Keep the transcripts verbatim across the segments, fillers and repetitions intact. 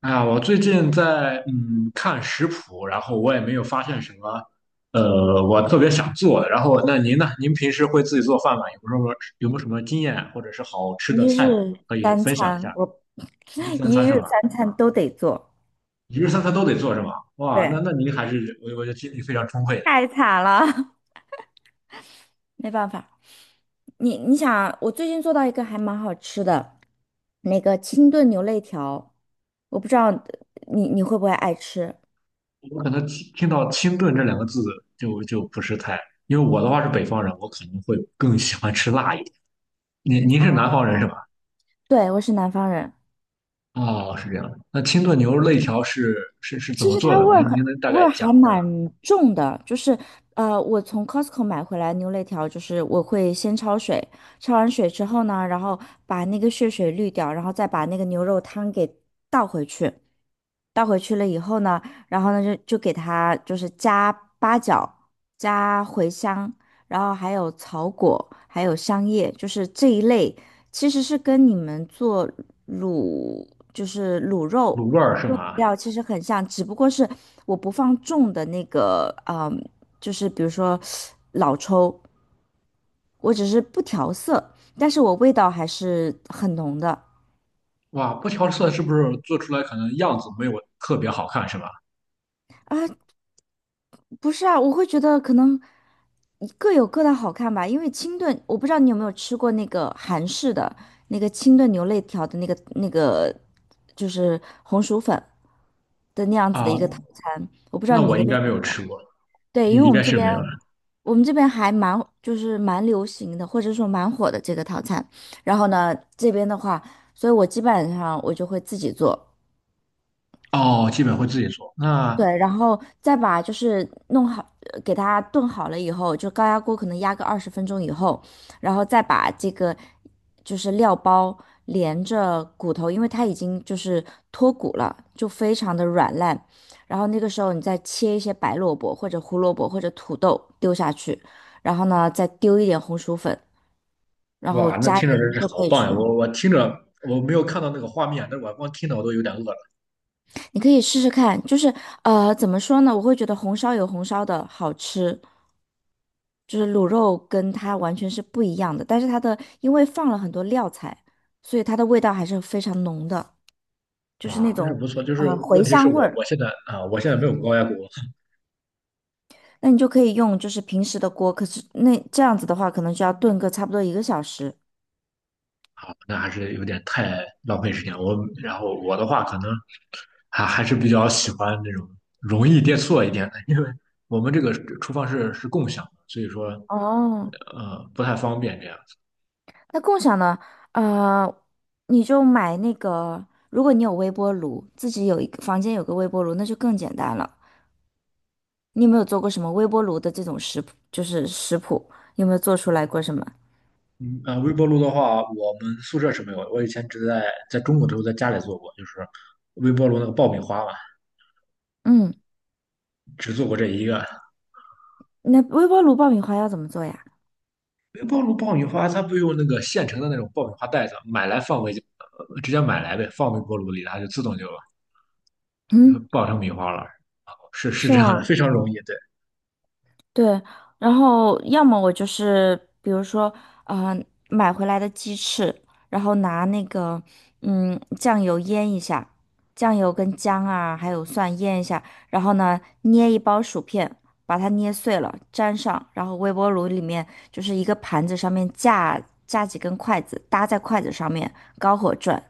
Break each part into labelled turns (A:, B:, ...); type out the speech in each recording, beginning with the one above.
A: 哎呀，我最近在嗯看食谱，然后我也没有发现什么，呃，我特别想做的。然后，那您呢？您平时会自己做饭吗？有没有什么有没有什么经验或者是好吃的
B: 一日
A: 菜谱可以
B: 三
A: 分享一
B: 餐，
A: 下？
B: 我
A: 一日 三
B: 一
A: 餐
B: 日
A: 是吧？
B: 三餐都得做，
A: 一日三餐都得做是吧？哇，那
B: 对，
A: 那您还是我我觉得精力非常充沛的。
B: 太惨了，没办法。你你想，我最近做到一个还蛮好吃的，那个清炖牛肋条，我不知道你你会不会爱吃
A: 我可能听听到清炖这两个字就就不是太，因为我的话是北方人，我可能会更喜欢吃辣一点。您您是南
B: 啊？
A: 方人是吧？
B: 对，我是南方人，
A: 哦，是这样的。那清炖牛肉肋条是是是怎
B: 其
A: 么
B: 实
A: 做
B: 它
A: 的？
B: 味儿
A: 您
B: 很
A: 您能大
B: 味
A: 概
B: 儿还
A: 讲一下吗？
B: 蛮重的，就是呃，我从 Costco 买回来牛肋条，就是我会先焯水，焯完水之后呢，然后把那个血水滤掉，然后再把那个牛肉汤给倒回去，倒回去了以后呢，然后呢就就给它就是加八角、加茴香，然后还有草果，还有香叶，就是这一类，其实是跟你们做卤就是卤肉。
A: 卤味儿是
B: 用
A: 吗？
B: 料其实很像，只不过是我不放重的那个，嗯，就是比如说老抽，我只是不调色，但是我味道还是很浓的。
A: 哇，不调色是不是做出来可能样子没有特别好看是吧？
B: 不是啊，我会觉得可能各有各的好看吧，因为清炖，我不知道你有没有吃过那个韩式的那个清炖牛肋条的那个那个，就是红薯粉的那样子的一个套
A: 啊，
B: 餐。
A: 那我应该没有吃过，
B: 对，
A: 你
B: 因为
A: 应
B: 我们
A: 该
B: 这
A: 是
B: 边
A: 没有的。
B: 我们这边还蛮就是蛮流行的，或者说蛮火的这个套餐。然后呢，这边的话，所以我基本上我就会自己做。
A: 哦，基本会自己做。那，
B: 对，然后再把就是弄好，呃给它炖好了以后，就高压锅可能压个二十分钟以后，然后再把这个就是料包连着骨头，因为它已经就是脱骨了，就非常的软烂。然后那个时候你再切一些白萝卜或者胡萝卜或者土豆丢下去，然后呢再丢一点红薯粉，然后
A: 哇，那
B: 加
A: 听着真
B: 盐
A: 是
B: 就
A: 好
B: 可以
A: 棒呀！
B: 吃。
A: 我我听着我没有看到那个画面，但是我光听着我都有点饿了。
B: 你可以试试看，就是呃，怎么说呢？我会觉得红烧有红烧的好吃，就是卤肉跟它完全是不一样的。但是它的因为放了很多料材，所以它的味道还是非常浓的，就是那
A: 哇，但是
B: 种
A: 不错，就
B: 呃
A: 是
B: 茴
A: 问题是
B: 香味
A: 我我
B: 儿。
A: 现在啊，我现在没有高压锅，
B: 那你就可以用就是平时的锅，可是那这样子的话，可能就要炖个差不多一个小时。
A: 那还是有点太浪费时间。我然后我的话可能还还是比较喜欢那种容易电错一点的，因为我们这个厨房是是共享的，所以说
B: 哦，
A: 呃不太方便这样子。
B: 那共享呢？呃，你就买那个，如果你有微波炉，自己有一个房间有个微波炉，那就更简单了。你有没有做过什么微波炉的这种食谱？就是食谱，有没有做出来过什么？
A: 嗯呃，微波炉的话，我们宿舍是没有的，我以前只在在中国的时候在家里做过，就是微波炉那个爆米花嘛，
B: 嗯，
A: 只做过这一个。
B: 那微波炉爆米花要怎么做呀？
A: 微波炉爆米花它不用那个现成的那种爆米花袋子，买来放微呃直接买来呗，放微波炉里，它就自动就呃
B: 嗯，
A: 爆成米花了。是是
B: 是
A: 这样的，
B: 吗？
A: 非常容易。对，
B: 对，然后要么我就是，比如说，嗯、买回来的鸡翅，然后拿那个，嗯，酱油腌一下，酱油跟姜啊，还有蒜腌一下，然后呢，捏一包薯片，把它捏碎了，粘上，然后微波炉里面就是一个盘子上面架架几根筷子，搭在筷子上面，高火转，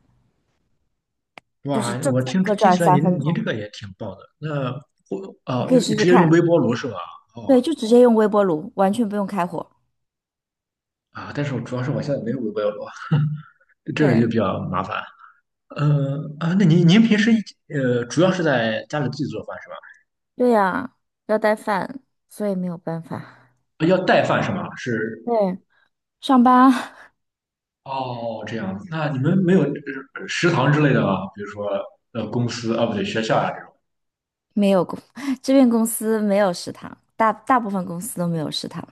B: 就是
A: 哇，
B: 正
A: 我
B: 反
A: 听
B: 各
A: 听
B: 转
A: 起来
B: 三
A: 您
B: 分
A: 您这
B: 钟，
A: 个也挺棒的。那我
B: 你
A: 啊，
B: 可以
A: 用
B: 试试
A: 直接用微
B: 看。
A: 波炉是吧？哦
B: 对，就直接用微波炉，完全不用开火。
A: 啊，但是我主要是我现在没有微波炉，这个就
B: 对。
A: 比较麻烦。呃啊，那您您平时呃主要是在家里自己做饭是吧？
B: 对呀，要带饭，所以没有办法。
A: 啊，要带饭是吗？是
B: 对，上班
A: 哦，这样子。那你们没有呃食堂之类的吗？比如说呃公司啊，不对，学校啊这种。
B: 没有公，这边公司没有食堂，大大部分公司都没有食堂。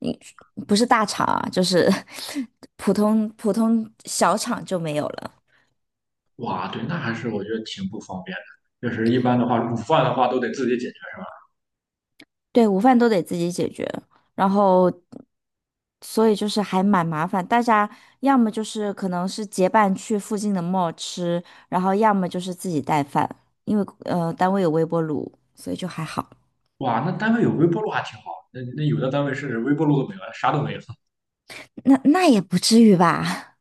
B: 你不是大厂啊，就是 普通普通小厂就没有了。
A: 哇，对，那还是我觉得挺不方便的。就是一般的话，午饭的话都得自己解决。是吧？
B: 对，午饭都得自己解决，然后所以就是还蛮麻烦。大家要么就是可能是结伴去附近的 mall 吃，然后要么就是自己带饭，因为呃单位有微波炉，所以就还好。
A: 哇，那单位有微波炉还挺好。那那有的单位是微波炉都没有，啥都没有。
B: 那那也不至于吧？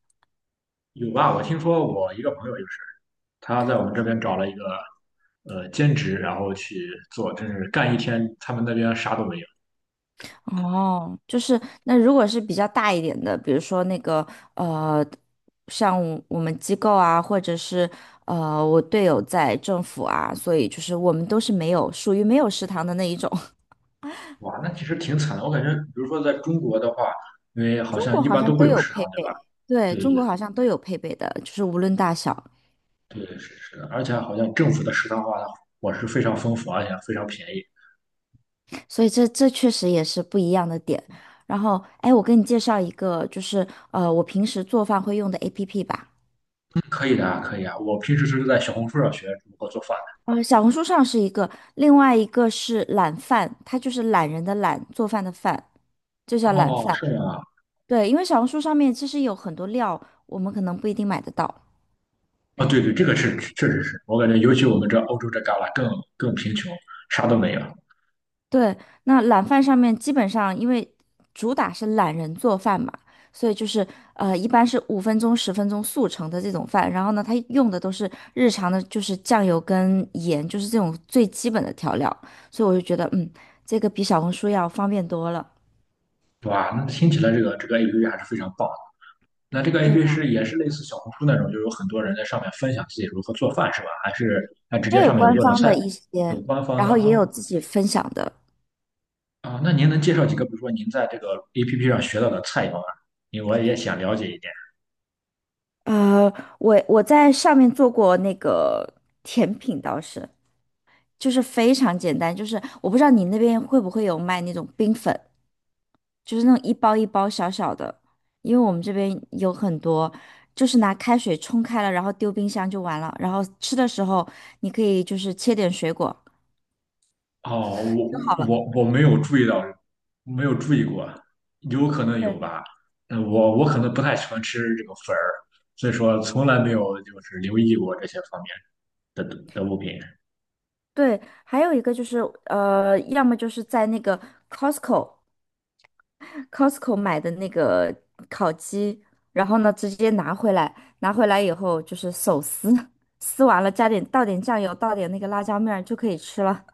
A: 有吧？我听说我一个朋友就是，他在我们这边找了一个呃兼职，然后去做，真是干一天，他们那边啥都没有。
B: 哦，就是那如果是比较大一点的，比如说那个呃，像我们机构啊，或者是呃，我队友在政府啊，所以就是我们都是没有属于没有食堂的那一种。
A: 哇，那其实挺惨的。我感觉，比如说在中国的话，因为好
B: 中
A: 像
B: 国
A: 一
B: 好
A: 般
B: 像
A: 都会
B: 都
A: 有
B: 有
A: 食
B: 配
A: 堂，对吧？
B: 备，对，
A: 对
B: 中国
A: 对
B: 好像都有配备的，就是无论大小，
A: 对，是是的。而且好像政府的食堂的话，伙食非常丰富，而且非常便宜。
B: 所以这这确实也是不一样的点。然后，哎，我给你介绍一个，就是呃，我平时做饭会用的 A P P 吧。
A: 嗯可以的啊，可以啊。我平时是在小红书上学如何做饭
B: 呃，小红书上是一个，另外一个是懒饭，它就是懒人的懒，做饭的饭，就
A: 的。
B: 叫懒
A: 哦，
B: 饭。
A: 是吗？
B: 对，因为小红书上面其实有很多料，我们可能不一定买得到。
A: 啊，对对，这个是确实是，我感觉尤其我们这欧洲这旮旯更更贫穷，啥都没有。
B: 对，那懒饭上面基本上因为主打是懒人做饭嘛，所以就是呃，一般是五分钟、十分钟速成的这种饭。然后呢，它用的都是日常的，就是酱油跟盐，就是这种最基本的调料。所以我就觉得，嗯，这个比小红书要方便多了。
A: 对吧？那听起来这个这个 A P P 还是非常棒的。那这个
B: 对
A: A P P
B: 啊。
A: 是也是类似小红书那种，就有很多人在上面分享自己如何做饭是吧？还是它直
B: 它
A: 接
B: 有
A: 上面有
B: 官
A: 各种
B: 方
A: 菜
B: 的
A: 谱，
B: 一些，
A: 有官方
B: 然
A: 的
B: 后
A: 啊。
B: 也有自己分享的。
A: 啊，那您能介绍几个，比如说您在这个 A P P 上学到的菜肴吗？因为我也想了解一点。
B: 呃，我我在上面做过那个甜品，倒是就是非常简单，就是我不知道你那边会不会有卖那种冰粉，就是那种一包一包小小的，因为我们这边有很多，就是拿开水冲开了，然后丢冰箱就完了，然后吃的时候你可以就是切点水果
A: 哦，
B: 就
A: 我
B: 好了。
A: 我我没有注意到，没有注意过，有可能有
B: 对
A: 吧。嗯，我我可能不太喜欢吃这个粉儿，所以说从来没有就是留意过这些方面的的的物品。
B: 对，还有一个就是呃，要么就是在那个 Costco。Costco 买的那个烤鸡，然后呢直接拿回来，拿回来以后就是手撕，撕完了加点倒点酱油，倒点那个辣椒面儿就可以吃了。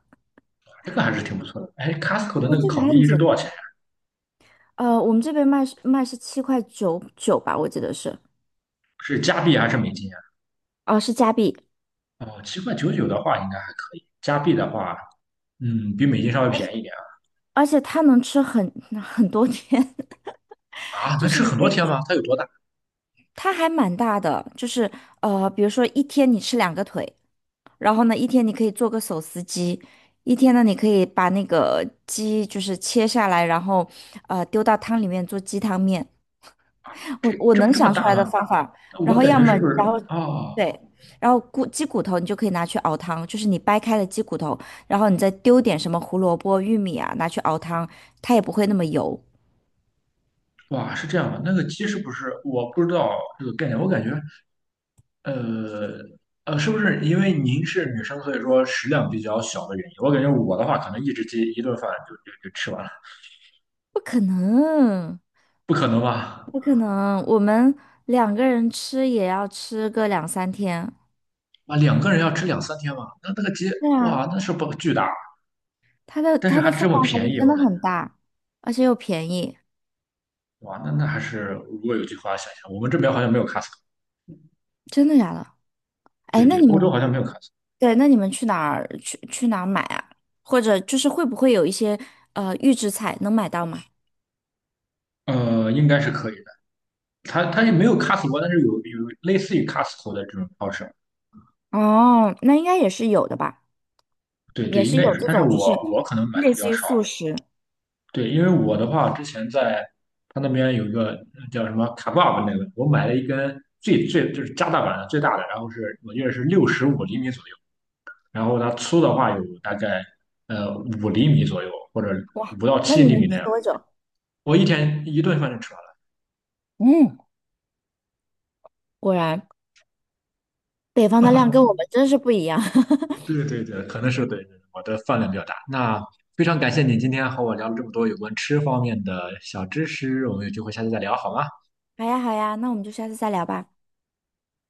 A: 这个还是挺不错的。哎，Costco 的
B: 对，
A: 那个
B: 这个
A: 烤
B: 还
A: 鸡
B: 很
A: 一只
B: 简
A: 多少钱
B: 单。
A: 呀？
B: 呃，我们这边卖是卖是七块九九吧，我记得是，
A: 是加币还是美金呀？
B: 哦、是加币，
A: 哦，七块九九的话应该还可以，加币的话，嗯，比美金稍微便宜一点
B: 而且它能吃很 很多天，
A: 啊。啊，
B: 就
A: 能
B: 是
A: 吃
B: 你
A: 很
B: 可
A: 多天
B: 以，
A: 吗？它有多大？
B: 它还蛮大的，就是呃，比如说一天你吃两个腿，然后呢，一天你可以做个手撕鸡，一天呢，你可以把那个鸡就是切下来，然后呃丢到汤里面做鸡汤面。我
A: 这
B: 我
A: 这不
B: 能
A: 这么
B: 想出
A: 大
B: 来的
A: 吗？
B: 方法，然
A: 我
B: 后
A: 感
B: 要
A: 觉
B: 么
A: 是不是？
B: 然后
A: 啊？
B: 对，然后骨鸡骨头你就可以拿去熬汤，就是你掰开了鸡骨头，然后你再丢点什么胡萝卜、玉米啊，拿去熬汤，它也不会那么油。
A: 哇，是这样的，那个鸡是不是我不知道这个概念？我感觉，呃呃，是不是因为您是女生，所以说食量比较小的原因？我感觉我的话，可能一只鸡一顿饭就就就吃完了，
B: 不可能，
A: 不可能吧？
B: 不可能，我们两个人吃也要吃个两三天。
A: 啊，两个人要吃两三天吧？那那个鸡，
B: 对啊。
A: 哇，那是不巨大，
B: 它的
A: 但是
B: 它
A: 还
B: 的
A: 这
B: 分
A: 么
B: 量还
A: 便
B: 是
A: 宜，
B: 真
A: 我
B: 的
A: 感觉，
B: 很大，而且又便宜，
A: 哇，那那还是如果有句话想一想，我们这边好像没有 Costco，
B: 真的假的？哎，
A: 对
B: 那
A: 对，
B: 你
A: 欧
B: 们
A: 洲好像没有 Costco，
B: 对，那你们去哪儿去去哪儿买啊？或者就是会不会有一些呃预制菜能买到吗？
A: 呃，应该是可以的，它它也没有 Costco，但是有有类似于 Costco 的这种超市。
B: 哦，那应该也是有的吧，
A: 对对，
B: 也
A: 应
B: 是
A: 该也
B: 有
A: 是，
B: 这
A: 但是
B: 种就
A: 我
B: 是
A: 我可能买的
B: 类
A: 比
B: 似
A: 较
B: 于
A: 少。
B: 速食。
A: 对，因为我的话，之前在他那边有一个呃叫什么卡 k e 那个，我买了一根最最就是加大版的最大的，然后是我记得是六十五厘米左右，然后它粗的话有大概呃五厘米左右，或者
B: 哇，
A: 五到
B: 那
A: 七
B: 你
A: 厘米
B: 能
A: 那
B: 吃
A: 样。
B: 多久？
A: 我一天一顿饭就吃完了。
B: 嗯，果然北方的量跟我们真是不一样。
A: 对对对，可能是对我的饭量比较大。那非常感谢你今天和我聊了这么多有关吃方面的小知识，我们有机会下次再聊好吗？
B: 好呀好呀，那我们就下次再聊吧。